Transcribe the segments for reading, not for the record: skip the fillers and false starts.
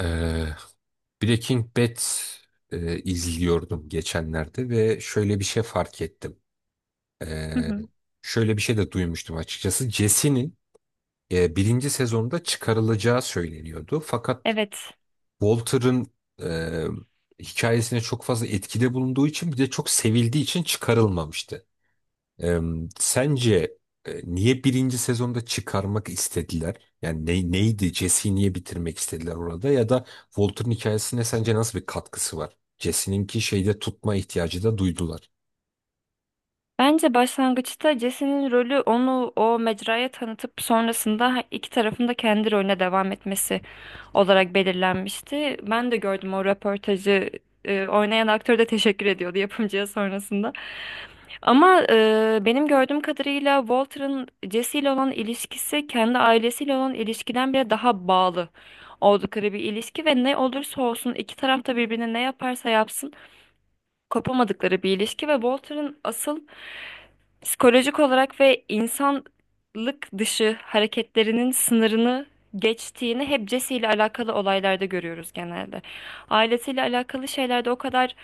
Ee, Breaking Bad izliyordum geçenlerde ve şöyle bir şey fark ettim. Hı Ee, hı. şöyle bir şey de duymuştum açıkçası. Jesse'nin birinci sezonda çıkarılacağı söyleniyordu. Fakat Evet. Walter'ın hikayesine çok fazla etkide bulunduğu için bir de çok sevildiği için çıkarılmamıştı. Eee, sence niye birinci sezonda çıkarmak istediler? Yani neydi? Jesse'yi niye bitirmek istediler orada? Ya da Walter'ın hikayesine sence nasıl bir katkısı var? Jesse'ninki şeyde tutma ihtiyacı da duydular. Bence başlangıçta Jesse'nin rolü onu o mecraya tanıtıp sonrasında iki tarafın da kendi rolüne devam etmesi olarak belirlenmişti. Ben de gördüm o röportajı. Oynayan aktör de teşekkür ediyordu yapımcıya sonrasında. Ama benim gördüğüm kadarıyla Walter'ın Jesse ile olan ilişkisi kendi ailesiyle olan ilişkiden bile daha bağlı oldukları bir ilişki ve ne olursa olsun iki taraf da birbirine ne yaparsa yapsın kopamadıkları bir ilişki ve Walter'ın asıl psikolojik olarak ve insanlık dışı hareketlerinin sınırını geçtiğini hep Jesse ile alakalı olaylarda görüyoruz genelde. Ailesiyle alakalı şeylerde o kadar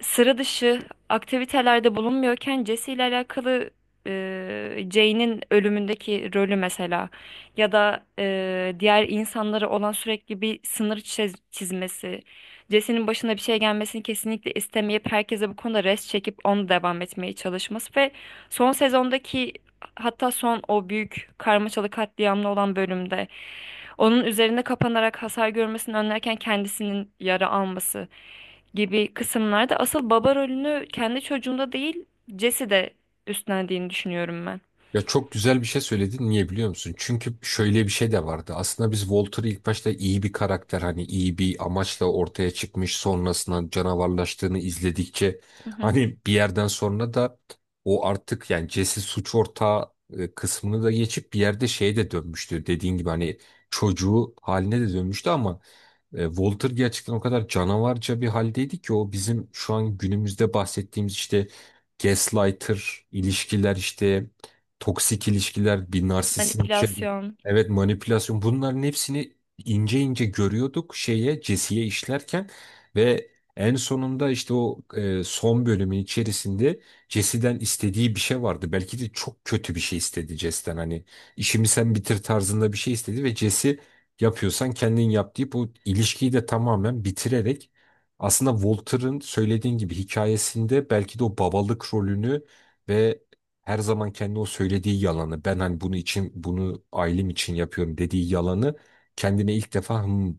sıra dışı aktivitelerde bulunmuyorken Jesse ile alakalı Jane'in ölümündeki rolü mesela, ya da diğer insanlara olan sürekli bir sınır çizmesi, Jesse'nin başına bir şey gelmesini kesinlikle istemeyip herkese bu konuda rest çekip onu devam etmeye çalışması, son sezondaki hatta son o büyük karmaşalı katliamlı olan bölümde onun üzerinde kapanarak hasar görmesini önlerken kendisinin yara alması gibi kısımlarda asıl baba rolünü kendi çocuğunda değil Jesse de üstlendiğini düşünüyorum ben. Ya çok güzel bir şey söyledin. Niye biliyor musun? Çünkü şöyle bir şey de vardı. Aslında biz Walter'ı ilk başta iyi bir karakter hani iyi bir amaçla ortaya çıkmış sonrasında canavarlaştığını izledikçe Hı hı. hani bir yerden sonra da o artık yani Jesse suç ortağı kısmını da geçip bir yerde şeye de dönmüştü. Dediğin gibi hani çocuğu haline de dönmüştü ama Walter gerçekten o kadar canavarca bir haldeydi ki o bizim şu an günümüzde bahsettiğimiz işte gaslighter ilişkiler işte toksik ilişkiler bir narsistin Manipülasyon. evet, manipülasyon, bunların hepsini ince ince görüyorduk şeye Jesse'ye işlerken ve en sonunda işte o son bölümün içerisinde Jesse'den istediği bir şey vardı. Belki de çok kötü bir şey istedi Jesse'den hani işimi sen bitir tarzında bir şey istedi ve Jesse yapıyorsan kendin yap deyip o ilişkiyi de tamamen bitirerek aslında Walter'ın söylediğin gibi hikayesinde belki de o babalık rolünü ve her zaman kendi o söylediği yalanı ben hani bunu için bunu ailem için yapıyorum dediği yalanı kendine ilk defa "Hmm,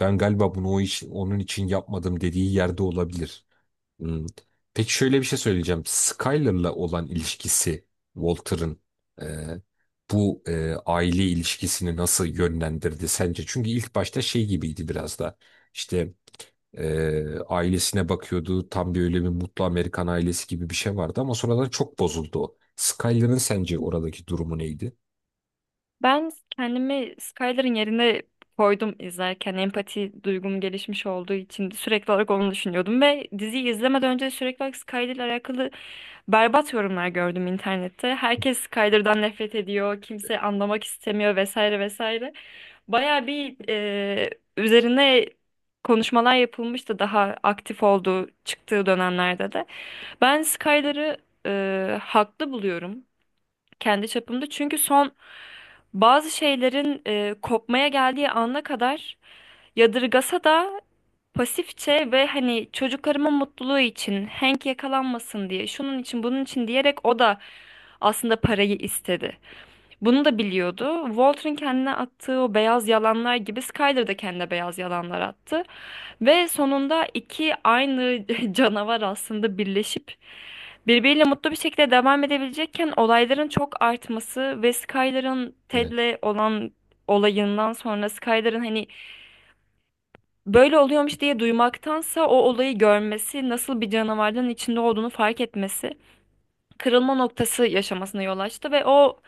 ben galiba bunu o onun için yapmadım dediği yerde olabilir. Hmm. Peki şöyle bir şey söyleyeceğim. Skyler'la olan ilişkisi Walter'ın e, bu aile ilişkisini nasıl yönlendirdi sence? Çünkü ilk başta şey gibiydi biraz da. İşte ailesine bakıyordu. Tam bir öyle bir mutlu Amerikan ailesi gibi bir şey vardı ama sonradan çok bozuldu o. Skyler'ın sence oradaki durumu neydi? Ben kendimi Skyler'ın yerine koydum izlerken, empati duygum gelişmiş olduğu için sürekli olarak onu düşünüyordum ve diziyi izlemeden önce sürekli olarak Skyler'la alakalı berbat yorumlar gördüm internette. Herkes Kaydır'dan nefret ediyor, kimse anlamak istemiyor, vesaire vesaire. Baya bir üzerine konuşmalar yapılmıştı daha aktif olduğu, çıktığı dönemlerde de. Ben Skyler'ı haklı buluyorum kendi çapımda. Çünkü son bazı şeylerin kopmaya geldiği ana kadar, yadırgasa da pasifçe ve hani çocuklarımın mutluluğu için Hank yakalanmasın diye, şunun için bunun için diyerek o da aslında parayı istedi. Bunu da biliyordu. Walter'ın kendine attığı o beyaz yalanlar gibi Skyler de kendine beyaz yalanlar attı. Ve sonunda iki aynı canavar aslında birleşip birbiriyle mutlu bir şekilde devam edebilecekken, olayların çok artması ve Skyler'ın Evet. Ted'le olan olayından sonra, Skyler'ın hani böyle oluyormuş diye duymaktansa o olayı görmesi, nasıl bir canavardan içinde olduğunu fark etmesi, kırılma noktası yaşamasına yol açtı ve o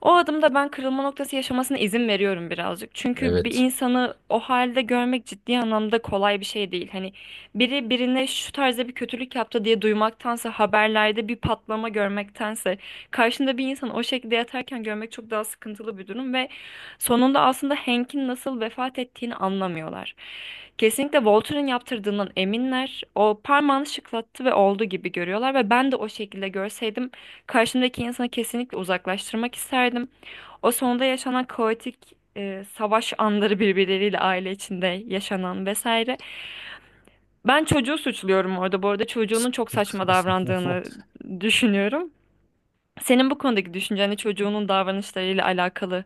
o adımda ben kırılma noktası yaşamasına izin veriyorum birazcık. Çünkü bir Evet. insanı o halde görmek ciddi anlamda kolay bir şey değil. Hani biri birine şu tarzda bir kötülük yaptı diye duymaktansa, haberlerde bir patlama görmektense, karşında bir insan o şekilde yatarken görmek çok daha sıkıntılı bir durum ve sonunda aslında Hank'in nasıl vefat ettiğini anlamıyorlar. Kesinlikle Walter'ın yaptırdığından eminler. O parmağını şıklattı ve oldu gibi görüyorlar ve ben de o şekilde görseydim karşımdaki insanı kesinlikle uzaklaştırmak isterdim. O sonunda yaşanan kaotik savaş anları, birbirleriyle aile içinde yaşanan vesaire. Ben çocuğu suçluyorum orada. Bu arada çocuğunun çok saçma davrandığını düşünüyorum. Senin bu konudaki düşünceni çocuğunun davranışlarıyla alakalı,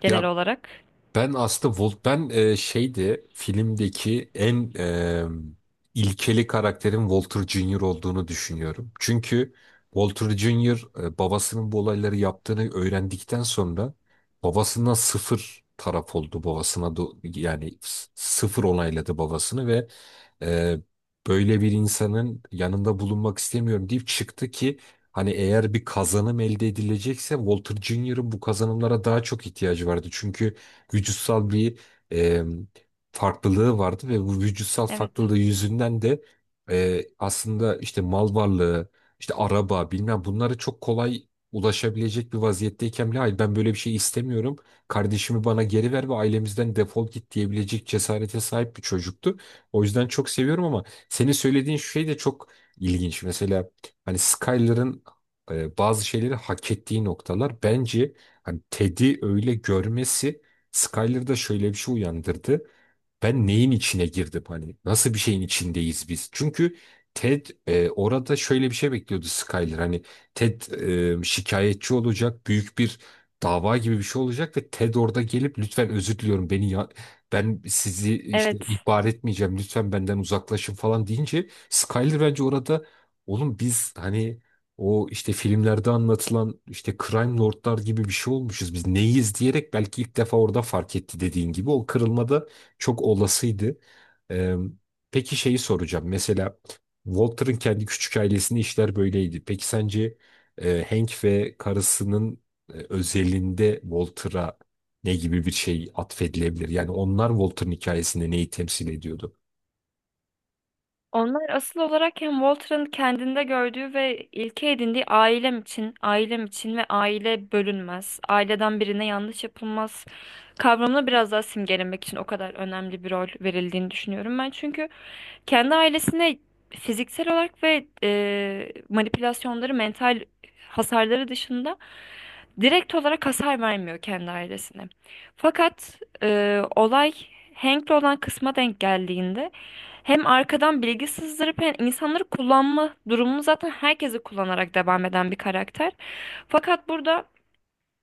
genel Ya, olarak. ben aslında Volt şeydi filmdeki ilkeli karakterin Walter Junior olduğunu düşünüyorum. Çünkü Walter Junior babasının bu olayları yaptığını öğrendikten sonra babasından sıfır taraf oldu babasına yani sıfır onayladı babasını ve e, böyle bir insanın yanında bulunmak istemiyorum deyip çıktı ki hani eğer bir kazanım elde edilecekse Walter Junior'ın bu kazanımlara daha çok ihtiyacı vardı. Çünkü vücutsal bir e, farklılığı vardı ve bu vücutsal Evet. farklılığı yüzünden de aslında işte mal varlığı, işte araba bilmem bunlara çok kolay ulaşabilecek bir vaziyetteyken bile hayır ben böyle bir şey istemiyorum. Kardeşimi bana geri ver ve ailemizden defol git diyebilecek cesarete sahip bir çocuktu. O yüzden çok seviyorum ama senin söylediğin şey de çok ilginç. Mesela hani Skyler'ın bazı şeyleri hak ettiği noktalar bence hani Ted'i öyle görmesi Skyler'da şöyle bir şey uyandırdı, ben neyin içine girdim hani nasıl bir şeyin içindeyiz biz? Çünkü Ted orada şöyle bir şey bekliyordu Skyler hani Ted şikayetçi olacak büyük bir dava gibi bir şey olacak ve Ted orada gelip lütfen özür diliyorum beni ya ben sizi işte Evet. ihbar etmeyeceğim lütfen benden uzaklaşın falan deyince Skyler bence orada oğlum biz hani o işte filmlerde anlatılan işte Crime Lordlar gibi bir şey olmuşuz biz neyiz diyerek belki ilk defa orada fark etti dediğin gibi o kırılmada çok olasıydı. Ee, peki şeyi soracağım. Mesela Walter'ın kendi küçük ailesinde işler böyleydi. Peki sence Hank ve karısının özelinde Walter'a ne gibi bir şey atfedilebilir? Yani onlar Walter'ın hikayesinde neyi temsil ediyordu? Onlar asıl olarak hem Walter'ın kendinde gördüğü ve ilke edindiği ailem için, ailem için ve aile bölünmez, aileden birine yanlış yapılmaz kavramını biraz daha simgelemek için o kadar önemli bir rol verildiğini düşünüyorum ben. Çünkü kendi ailesine fiziksel olarak ve manipülasyonları, mental hasarları dışında direkt olarak hasar vermiyor kendi ailesine. Fakat olay Hank'le olan kısma denk geldiğinde, hem arkadan bilgi sızdırıp hem insanları kullanma durumunu, zaten herkesi kullanarak devam eden bir karakter. Fakat burada,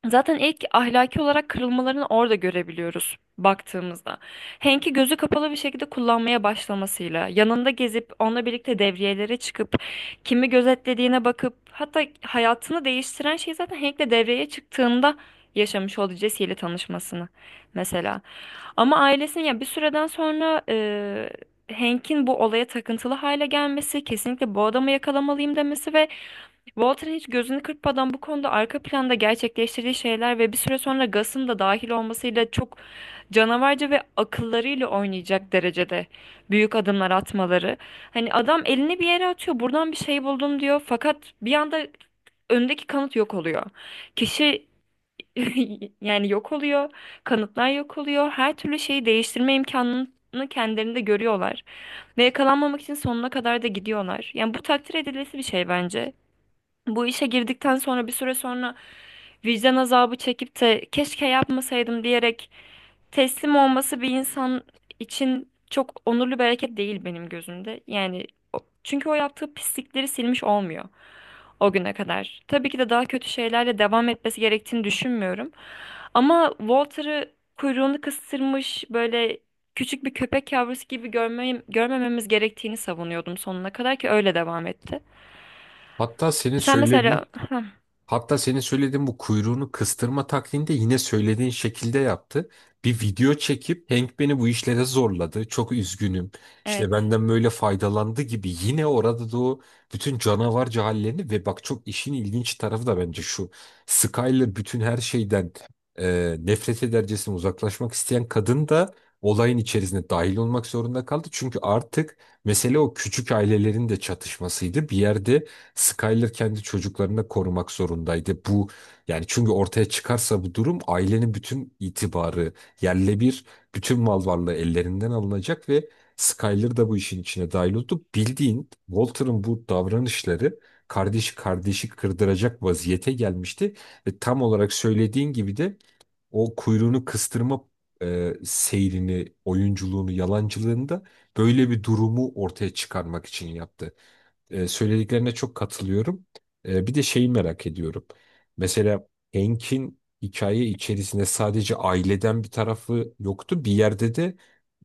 zaten ilk ahlaki olarak kırılmalarını orada görebiliyoruz baktığımızda. Hank'i gözü kapalı bir şekilde kullanmaya başlamasıyla, yanında gezip onunla birlikte devriyelere çıkıp kimi gözetlediğine bakıp, hatta hayatını değiştiren şey zaten Hank'le devreye çıktığında yaşamış olduğu Jesse ile tanışmasını mesela. Ama ailesinin, ya bir süreden sonra Hank'in bu olaya takıntılı hale gelmesi, kesinlikle bu adamı yakalamalıyım demesi ve Walter hiç gözünü kırpmadan bu konuda arka planda gerçekleştirdiği şeyler ve bir süre sonra Gus'ın da dahil olmasıyla çok canavarca ve akıllarıyla oynayacak derecede büyük adımlar atmaları. Hani adam elini bir yere atıyor, buradan bir şey buldum diyor, fakat bir anda öndeki kanıt yok oluyor. Kişi yani yok oluyor, kanıtlar yok oluyor. Her türlü şeyi değiştirme imkanını kendilerinde görüyorlar ve yakalanmamak için sonuna kadar da gidiyorlar. Yani bu takdir edilesi bir şey bence. Bu işe girdikten sonra bir süre sonra vicdan azabı çekip de keşke yapmasaydım diyerek teslim olması, bir insan için çok onurlu bir hareket değil benim gözümde. Yani çünkü o yaptığı pislikleri silmiş olmuyor o güne kadar. Tabii ki de daha kötü şeylerle devam etmesi gerektiğini düşünmüyorum. Ama Walter'ı kuyruğunu kıstırmış böyle küçük bir köpek yavrusu gibi görmememiz gerektiğini savunuyordum sonuna kadar, ki öyle devam etti. Hatta senin Sen mesela. söylediğin Heh, Hatta senin söylediğin bu kuyruğunu kıstırma taktiğini de yine söylediğin şekilde yaptı. Bir video çekip Hank beni bu işlere zorladı. Çok üzgünüm. İşte evet. benden böyle faydalandı gibi yine orada da o bütün canavarca hallerini ve bak çok işin ilginç tarafı da bence şu. Skyler bütün her şeyden nefret edercesine uzaklaşmak isteyen kadın da olayın içerisine dahil olmak zorunda kaldı. Çünkü artık mesele o küçük ailelerin de çatışmasıydı. Bir yerde Skyler kendi çocuklarını korumak zorundaydı. Bu yani çünkü ortaya çıkarsa bu durum ailenin bütün itibarı yerle bir, bütün mal varlığı ellerinden alınacak ve Skyler da bu işin içine dahil oldu. Bildiğin Walter'ın bu davranışları kardeşi kırdıracak vaziyete gelmişti ve tam olarak söylediğin gibi de o kuyruğunu kıstırma seyrini, oyunculuğunu, yalancılığını da böyle bir durumu ortaya çıkarmak için yaptı. Söylediklerine çok katılıyorum. Bir de şeyi merak ediyorum. Mesela Hank'in hikaye içerisinde sadece aileden bir tarafı yoktu. Bir yerde de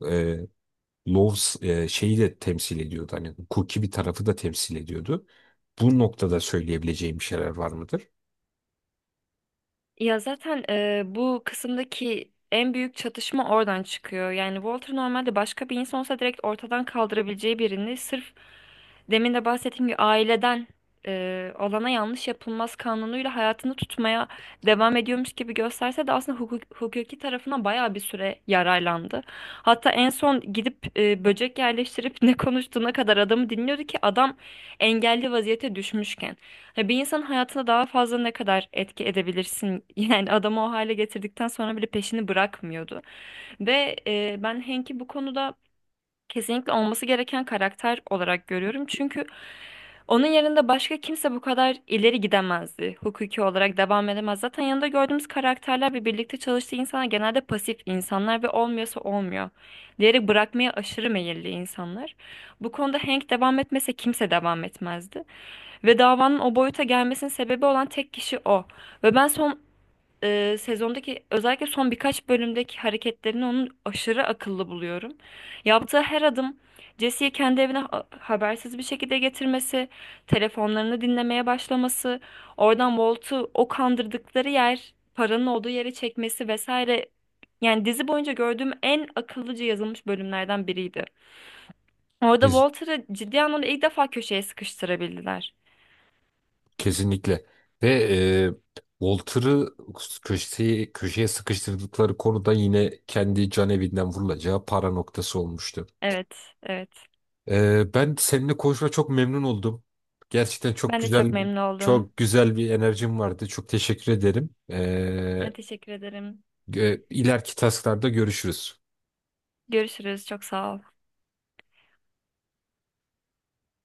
e, Loves şeyi de temsil ediyordu. Hani hukuki bir tarafı da temsil ediyordu. Bu noktada söyleyebileceğim bir şeyler var mıdır? Ya zaten bu kısımdaki en büyük çatışma oradan çıkıyor. Yani Walter, normalde başka bir insan olsa direkt ortadan kaldırabileceği birini, sırf demin de bahsettiğim gibi aileden olana yanlış yapılmaz kanunuyla hayatını tutmaya devam ediyormuş gibi gösterse de, aslında hukuki tarafına bayağı bir süre yararlandı. Hatta en son gidip böcek yerleştirip ne konuştuğuna kadar adamı dinliyordu, ki adam engelli vaziyete düşmüşken. Ha, bir insanın hayatına daha fazla ne kadar etki edebilirsin? Yani adamı o hale getirdikten sonra bile peşini bırakmıyordu. Ve ben Henk'i bu konuda kesinlikle olması gereken karakter olarak görüyorum. Çünkü onun yanında başka kimse bu kadar ileri gidemezdi. Hukuki olarak devam edemez. Zaten yanında gördüğümüz karakterler ve birlikte çalıştığı insanlar genelde pasif insanlar ve olmuyorsa olmuyor. Diğeri bırakmaya aşırı meyilli insanlar. Bu konuda Hank devam etmese kimse devam etmezdi. Ve davanın o boyuta gelmesinin sebebi olan tek kişi o. Ve ben son sezondaki, özellikle son birkaç bölümdeki hareketlerini onun aşırı akıllı buluyorum. Yaptığı her adım, Jesse'yi kendi evine habersiz bir şekilde getirmesi, telefonlarını dinlemeye başlaması, oradan Walt'u o kandırdıkları yer, paranın olduğu yere çekmesi vesaire. Yani dizi boyunca gördüğüm en akıllıca yazılmış bölümlerden biriydi. Orada Siz Walter'ı ciddi anlamda ilk defa köşeye sıkıştırabildiler. Kesinlikle. Ve Walter'ı köşeye sıkıştırdıkları konuda yine kendi can evinden vurulacağı para noktası olmuştu. Evet, evet. Ben seninle konuşma çok memnun oldum. Gerçekten Ben de çok memnun oldum. çok güzel bir enerjim vardı. Çok teşekkür ederim. Ben teşekkür ederim. İleriki tasklarda görüşürüz. Görüşürüz. Çok sağ ol.